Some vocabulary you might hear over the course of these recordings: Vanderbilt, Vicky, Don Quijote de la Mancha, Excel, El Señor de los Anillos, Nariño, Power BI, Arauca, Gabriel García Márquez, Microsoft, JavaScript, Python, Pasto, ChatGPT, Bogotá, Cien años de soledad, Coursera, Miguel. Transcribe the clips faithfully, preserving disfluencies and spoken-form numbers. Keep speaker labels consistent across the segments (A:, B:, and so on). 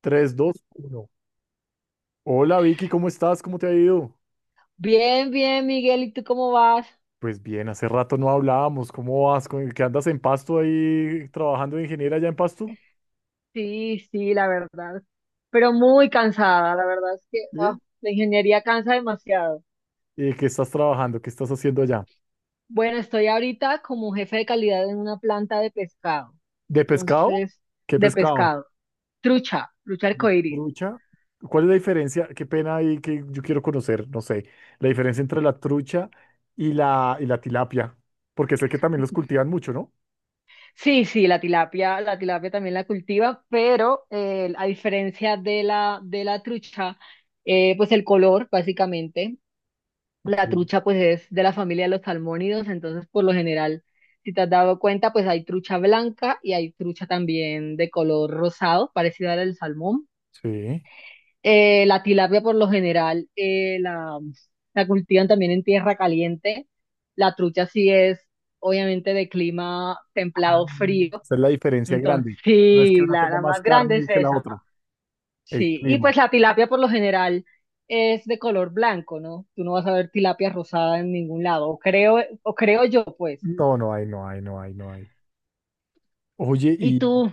A: Tres dos uno Hola Vicky, ¿cómo estás? ¿Cómo te ha ido?
B: Bien, bien, Miguel, ¿y tú cómo vas?
A: Pues bien, hace rato no hablábamos. ¿Cómo vas? ¿Con- ¿Qué andas en Pasto ahí trabajando de ingeniera allá en Pasto?
B: Sí, sí, la verdad. Pero muy cansada, la verdad es que ah,
A: ¿Sí?
B: la ingeniería cansa demasiado.
A: ¿Y qué estás trabajando? ¿Qué estás haciendo allá?
B: Bueno, estoy ahorita como jefe de calidad en una planta de pescado.
A: ¿De pescado?
B: Entonces,
A: ¿Qué
B: de
A: pescado?
B: pescado. Trucha, trucha
A: ¿De
B: arcoíris.
A: trucha? ¿Cuál es la diferencia? Qué pena ahí, que yo quiero conocer, no sé, la diferencia entre la trucha y la, y la tilapia, porque sé que también los cultivan mucho, ¿no?
B: Sí, sí, la tilapia, la tilapia también la cultiva, pero eh, a diferencia de la, de la trucha, eh, pues el color, básicamente.
A: Ok.
B: La trucha pues es de la familia de los salmónidos, entonces por lo general, si te has dado cuenta, pues hay trucha blanca y hay trucha también de color rosado, parecida al salmón.
A: Sí.
B: Eh, la tilapia por lo general eh, la, la cultivan también en tierra caliente. La trucha sí es obviamente de clima
A: Ah.
B: templado frío,
A: Esa es la diferencia
B: entonces
A: grande. No es que
B: sí,
A: una
B: la,
A: tenga
B: la
A: más
B: más grande
A: carne
B: es
A: que la
B: esa.
A: otra. El
B: Sí, y
A: clima.
B: pues la tilapia por lo general es de color blanco, ¿no? Tú no vas a ver tilapia rosada en ningún lado, o creo, o creo yo, pues.
A: No, no hay, no hay, no hay, no hay. Oye,
B: ¿Y
A: y,
B: tú?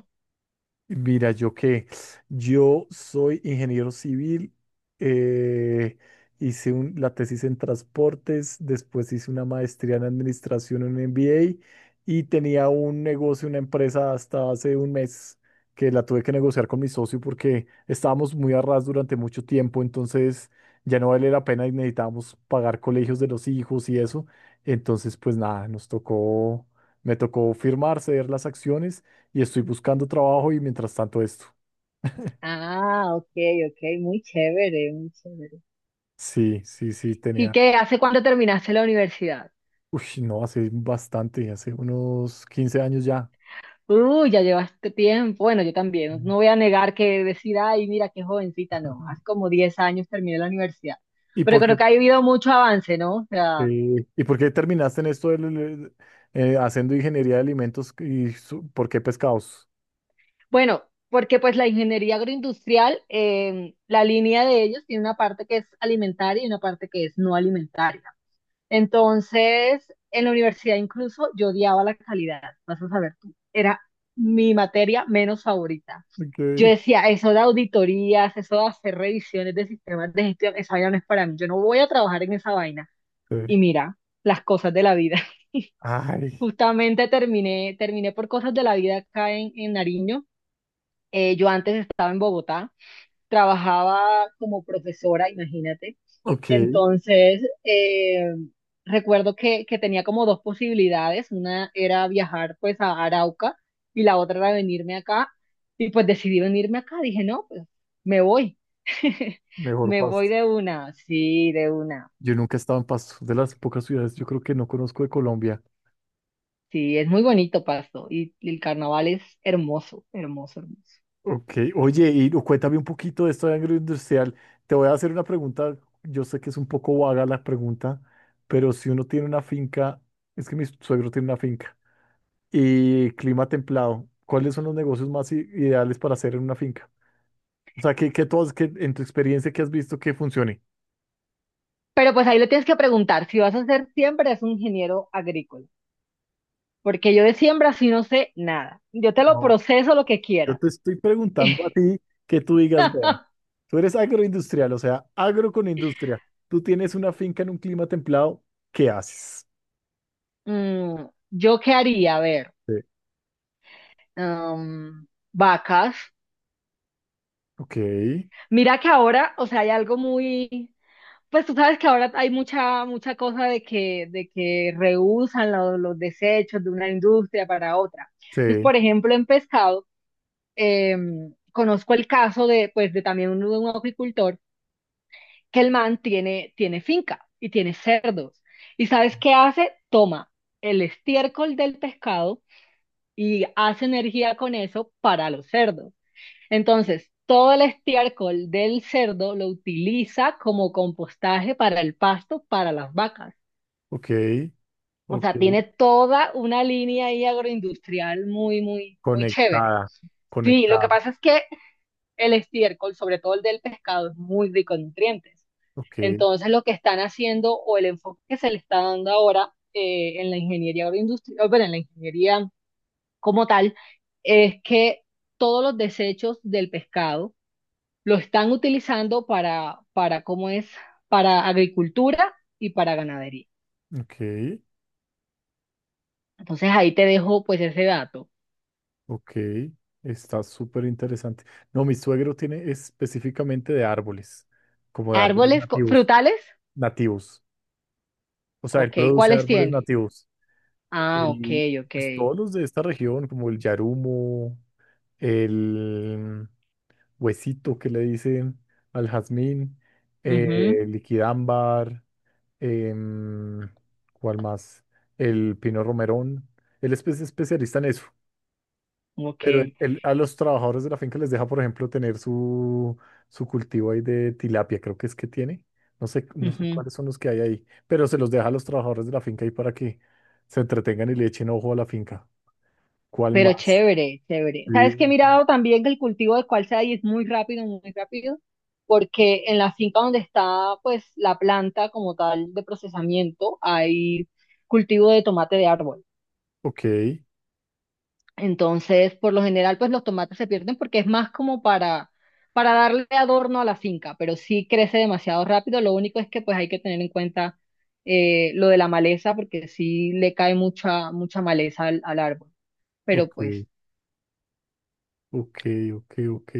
A: mira, yo qué, yo soy ingeniero civil. eh, Hice un- la tesis en transportes. Después hice una maestría en administración, un M B A, y tenía un negocio, una empresa, hasta hace un mes, que la tuve que negociar con mi socio porque estábamos muy a ras durante mucho tiempo. Entonces ya no vale la pena y necesitábamos pagar colegios de los hijos y eso. Entonces, pues nada, nos tocó, me tocó firmar, ceder las acciones, y estoy buscando trabajo y mientras tanto esto.
B: Ah, ok, ok, muy chévere, muy chévere.
A: Sí, sí, sí.
B: ¿Y
A: tenía,
B: qué? ¿Hace cuánto terminaste la universidad?
A: uy, no, hace bastante, hace unos quince años ya.
B: Uh, ya llevaste tiempo. Bueno, yo también.
A: Mm.
B: No voy a negar que decir, ay, mira qué jovencita, no. Hace como diez años terminé la universidad.
A: ¿Y
B: Pero
A: por qué,
B: creo que ha habido mucho avance, ¿no? O sea,
A: eh, y por qué terminaste en esto del, del- eh, haciendo ingeniería de alimentos, y su- ¿por qué pescados?
B: bueno, porque pues la ingeniería agroindustrial, em, la línea de ellos tiene una parte que es alimentaria y una parte que es no alimentaria. Entonces, en la universidad incluso yo odiaba la calidad, vas a saber tú, era mi materia menos favorita. Yo
A: Okay.
B: decía, eso de auditorías, eso de hacer revisiones de sistemas de gestión, esa vaina no es para mí, yo no voy a trabajar en esa vaina.
A: Sí.
B: Y mira, las cosas de la vida.
A: Ay,
B: Justamente terminé, terminé por cosas de la vida acá en, en Nariño. Eh, yo antes estaba en Bogotá, trabajaba como profesora, imagínate.
A: ok,
B: Entonces, eh, recuerdo que, que tenía como dos posibilidades. Una era viajar pues a Arauca y la otra era venirme acá. Y pues decidí venirme acá. Dije, no, pues me voy.
A: mejor
B: Me voy
A: Pasto.
B: de una, sí, de una.
A: Yo nunca he estado en Pasto, de las pocas ciudades yo creo que no conozco de Colombia.
B: Sí, es muy bonito Pasto y, y el carnaval es hermoso, hermoso, hermoso.
A: Ok, oye, y no, cuéntame un poquito de esto de agroindustrial. Te voy a hacer una pregunta, yo sé que es un poco vaga la pregunta, pero si uno tiene una finca, es que mi suegro tiene una finca, y clima templado, ¿cuáles son los negocios más i- ideales para hacer en una finca? O sea, ¿qué, qué tú has- qué- en tu experiencia que has visto que funcione?
B: Pero pues ahí le tienes que preguntar, si vas a ser siempre es un ingeniero agrícola, porque yo de siembra sí no sé nada. Yo te lo
A: No,
B: proceso lo que
A: yo
B: quieras.
A: te estoy preguntando a ti, que tú digas, vea, tú eres agroindustrial, o sea, agro con industria, tú tienes una finca en un clima templado, ¿qué haces?
B: Mm, ¿Yo qué haría? A ver,
A: Sí.
B: am, vacas.
A: Ok.
B: Mira que ahora, o sea, hay algo muy, pues tú sabes que ahora hay mucha, mucha cosa de que, de que reusan lo- los desechos de una industria para otra. Entonces,
A: Sí.
B: por ejemplo, en pescado, em, conozco el caso de, pues, de también un, un acuicultor que el man tiene, tiene finca y tiene cerdos. ¿Y sabes qué hace? Toma el estiércol del pescado y hace energía con eso para los cerdos. Entonces, todo el estiércol del cerdo lo utiliza como compostaje para el pasto, para las vacas.
A: Ok,
B: O
A: ok.
B: sea, tiene toda una línea ahí agroindustrial muy, muy, muy chévere.
A: Conectada,
B: Sí, lo que
A: conectada.
B: pasa es que el estiércol, sobre todo el del pescado, es muy rico en nutrientes.
A: Ok,
B: Entonces, lo que están haciendo o el enfoque que se le está dando ahora eh, en la ingeniería agroindustrial, bueno, en la ingeniería como tal, es que todos los desechos del pescado lo están utilizando para, para ¿cómo es? Para agricultura y para ganadería.
A: ok,
B: Entonces, ahí te dejo pues ese dato.
A: ok. Está súper interesante. No, mi suegro tiene específicamente de árboles, como de árboles
B: Árboles co-
A: nativos,
B: frutales,
A: nativos. O sea, él
B: ok,
A: produce
B: ¿cuáles
A: árboles
B: tiene?
A: nativos.
B: Ah, ok.
A: El,
B: ok.
A: pues, todos los de esta región, como el yarumo, el huesito que le dicen al jazmín, eh, liquidámbar. em, ¿cuál más? El pino romerón. Él es espe- especialista en eso,
B: Ujú, ok.
A: pero él- él a los trabajadores de la finca les deja, por ejemplo, tener su, su cultivo ahí de tilapia, creo que es que tiene. No sé, no sé
B: Ujú.
A: cuáles son los que hay ahí, pero se los deja a los trabajadores de la finca ahí para que se entretengan y le echen ojo a la finca. ¿Cuál
B: Pero
A: más?
B: chévere, chévere.
A: Sí.
B: ¿Sabes qué he mirado también que el cultivo de cualza y es muy rápido, muy rápido? Porque en la finca donde está pues la planta como tal de procesamiento hay cultivo de tomate de árbol.
A: Ok,
B: Entonces, por lo general, pues los tomates se pierden porque es más como para, para darle adorno a la finca, pero sí crece demasiado rápido. Lo único es que pues hay que tener en cuenta eh, lo de la maleza porque sí le cae mucha, mucha maleza al al árbol, pero
A: ok,
B: pues…
A: ok, ok, ok.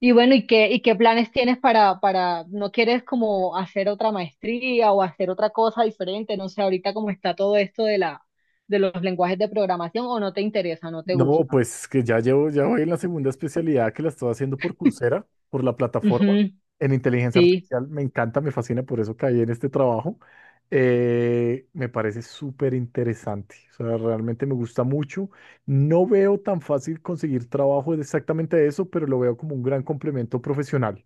B: Y bueno, ¿y qué, y qué planes tienes para, para, no quieres como hacer otra maestría o hacer otra cosa diferente? No sé, ahorita cómo está todo esto de la, de los lenguajes de programación, o no te interesa, no te
A: No,
B: gusta.
A: pues que ya llevo, ya voy en la segunda especialidad, que la estoy haciendo por Coursera, por la plataforma,
B: Ujú,
A: en inteligencia
B: sí.
A: artificial. Me encanta, me fascina, por eso caí en este trabajo. Eh, me parece súper interesante. O sea, realmente me gusta mucho. No veo tan fácil conseguir trabajo de exactamente eso, pero lo veo como un gran complemento profesional.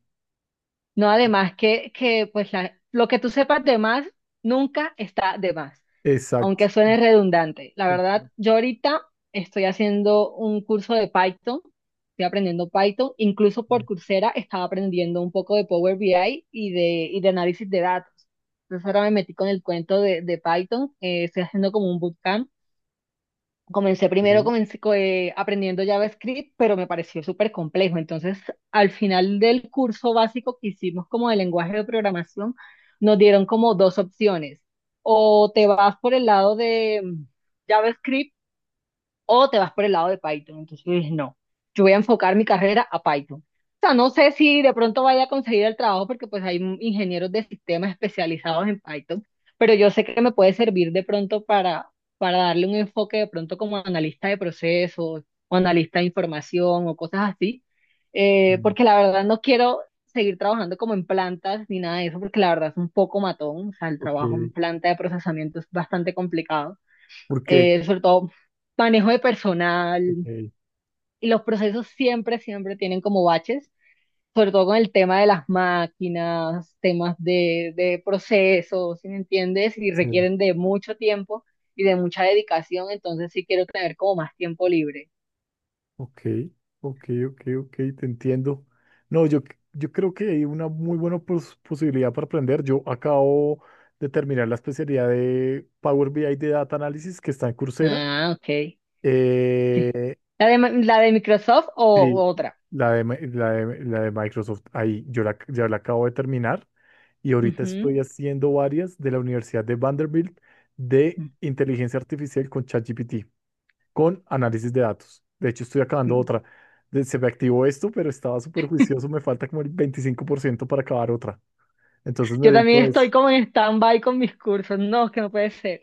B: No, además que, que pues la, lo que tú sepas de más nunca está de más, aunque
A: Exacto.
B: suene redundante. La verdad,
A: Exacto.
B: yo ahorita estoy haciendo un curso de Python, estoy aprendiendo Python, incluso por Coursera estaba aprendiendo un poco de Power B I y de, y de análisis de datos. Entonces ahora me metí con el cuento de, de Python. Eh, estoy haciendo como un bootcamp. Comencé primero
A: Ok.
B: comencé, co- eh, aprendiendo JavaScript, pero me pareció súper complejo. Entonces, al final del curso básico que hicimos como de lenguaje de programación, nos dieron como dos opciones. O te vas por el lado de mm, JavaScript, o te vas por el lado de Python. Entonces yo dije, no, yo voy a enfocar mi carrera a Python. O sea, no sé si de pronto vaya a conseguir el trabajo porque pues hay ingenieros de sistemas especializados en Python, pero yo sé que me puede servir de pronto para, para darle un enfoque de pronto como analista de procesos o analista de información o cosas así, eh,
A: Mm.
B: porque la verdad no quiero seguir trabajando como en plantas ni nada de eso, porque la verdad es un poco matón, o sea, el
A: Ok.
B: trabajo en planta de procesamiento es bastante complicado.
A: ¿Por qué?
B: Eh, sobre todo manejo de personal,
A: Ok.
B: y los procesos siempre, siempre tienen como baches, sobre todo con el tema de las máquinas, temas de, de procesos, ¿sí me entiendes? Y
A: Sí.
B: requieren de mucho tiempo y de mucha dedicación, entonces sí quiero tener como más tiempo libre.
A: Ok, ok, ok, ok, te entiendo. No, yo, c- yo creo que hay una muy buena pos- posibilidad para aprender. Yo acabo de terminar la especialidad de Power B I de Data Analysis, que está en Coursera.
B: Ah, ok. Sí.
A: Eh,
B: ¿La de, la de Microsoft, o,
A: sí,
B: o otra?
A: la de, Mi- la de, la de Microsoft. Ahí yo la, ya la acabo de terminar, y ahorita
B: Ujú.
A: estoy haciendo varias de la Universidad de Vanderbilt, de inteligencia artificial, con ChatGPT, con análisis de datos. De hecho, estoy acabando
B: Mm.
A: otra. De- Se me activó esto, pero estaba súper juicioso. Me falta como el veinticinco por ciento para acabar otra. Entonces
B: Yo también
A: necesito
B: estoy
A: es,
B: como en stand-by con mis cursos. No, que no puede ser.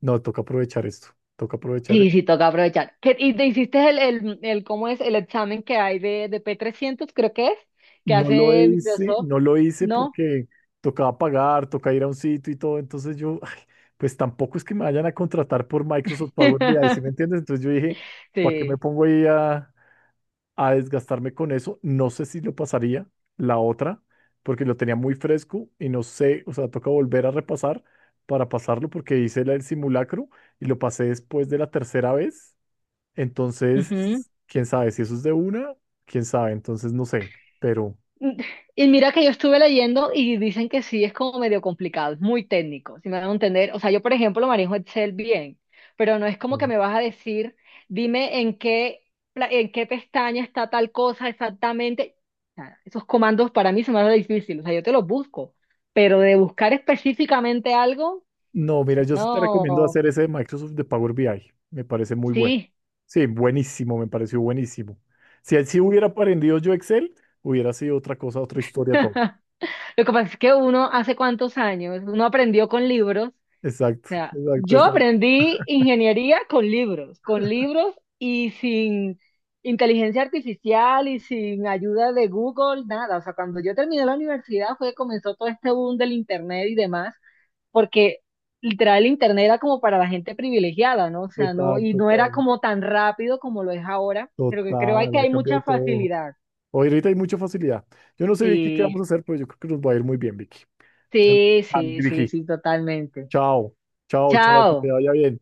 A: no, toca aprovechar esto. Toca aprovechar
B: Sí,
A: esto.
B: sí, toca aprovechar. ¿Qué- ¿Y te hiciste el, el, el- cómo es el examen que hay de, de p trescientos creo que es, que
A: No lo
B: hace
A: hice,
B: Microsoft?
A: no lo hice
B: ¿No?
A: porque tocaba pagar, toca ir a un sitio y todo. Entonces yo, ay, pues tampoco es que me vayan a contratar por Microsoft Power B I, ¿sí me entiendes? Entonces yo dije, ¿para qué me
B: Sí.
A: pongo ahí a, a desgastarme con eso? No sé si lo pasaría la otra, porque lo tenía muy fresco, y no sé, o sea, toca volver a repasar para pasarlo, porque hice la- el simulacro y lo pasé después de la tercera vez. Entonces, quién sabe si eso es de una, quién sabe, entonces no sé, pero
B: Y mira que yo estuve leyendo y dicen que sí es como medio complicado, es muy técnico, si me van a entender. O sea, yo por ejemplo lo manejo Excel bien, pero no es como que
A: Mm.
B: me vas a decir, dime en qué, pla- en qué pestaña está tal cosa exactamente. Nada, esos comandos para mí se me hacen difícil, o sea, yo te los busco, pero de buscar específicamente algo,
A: No, mira, yo sí te recomiendo
B: no,
A: hacer ese de Microsoft, de Power B I, me parece muy bueno.
B: sí.
A: Sí, buenísimo, me pareció buenísimo. Si así hubiera aprendido yo Excel, hubiera sido otra cosa, otra historia, todo.
B: Lo que pasa es que uno hace cuántos años, uno aprendió con libros. O
A: Exacto,
B: sea,
A: exacto,
B: yo
A: exacto.
B: aprendí ingeniería con libros, con libros y sin inteligencia artificial y sin ayuda de Google, nada. O sea, cuando yo terminé la universidad fue que comenzó todo este boom del internet y demás, porque literal el internet era como para la gente privilegiada, ¿no? O sea, no,
A: Total,
B: y no era
A: total,
B: como tan rápido como lo es ahora, pero que creo hay
A: total.
B: que
A: Ha
B: hay
A: cambiado
B: mucha
A: todo.
B: facilidad.
A: Hoy ahorita hay mucha facilidad. Yo no sé, Vicky, qué
B: Sí,
A: vamos a hacer, pero yo creo que nos va a ir muy bien, Vicky. Te mando un
B: sí,
A: plan,
B: sí, sí,
A: Vicky.
B: sí, totalmente.
A: Chao, chao, chao, que te
B: Chao.
A: vaya bien.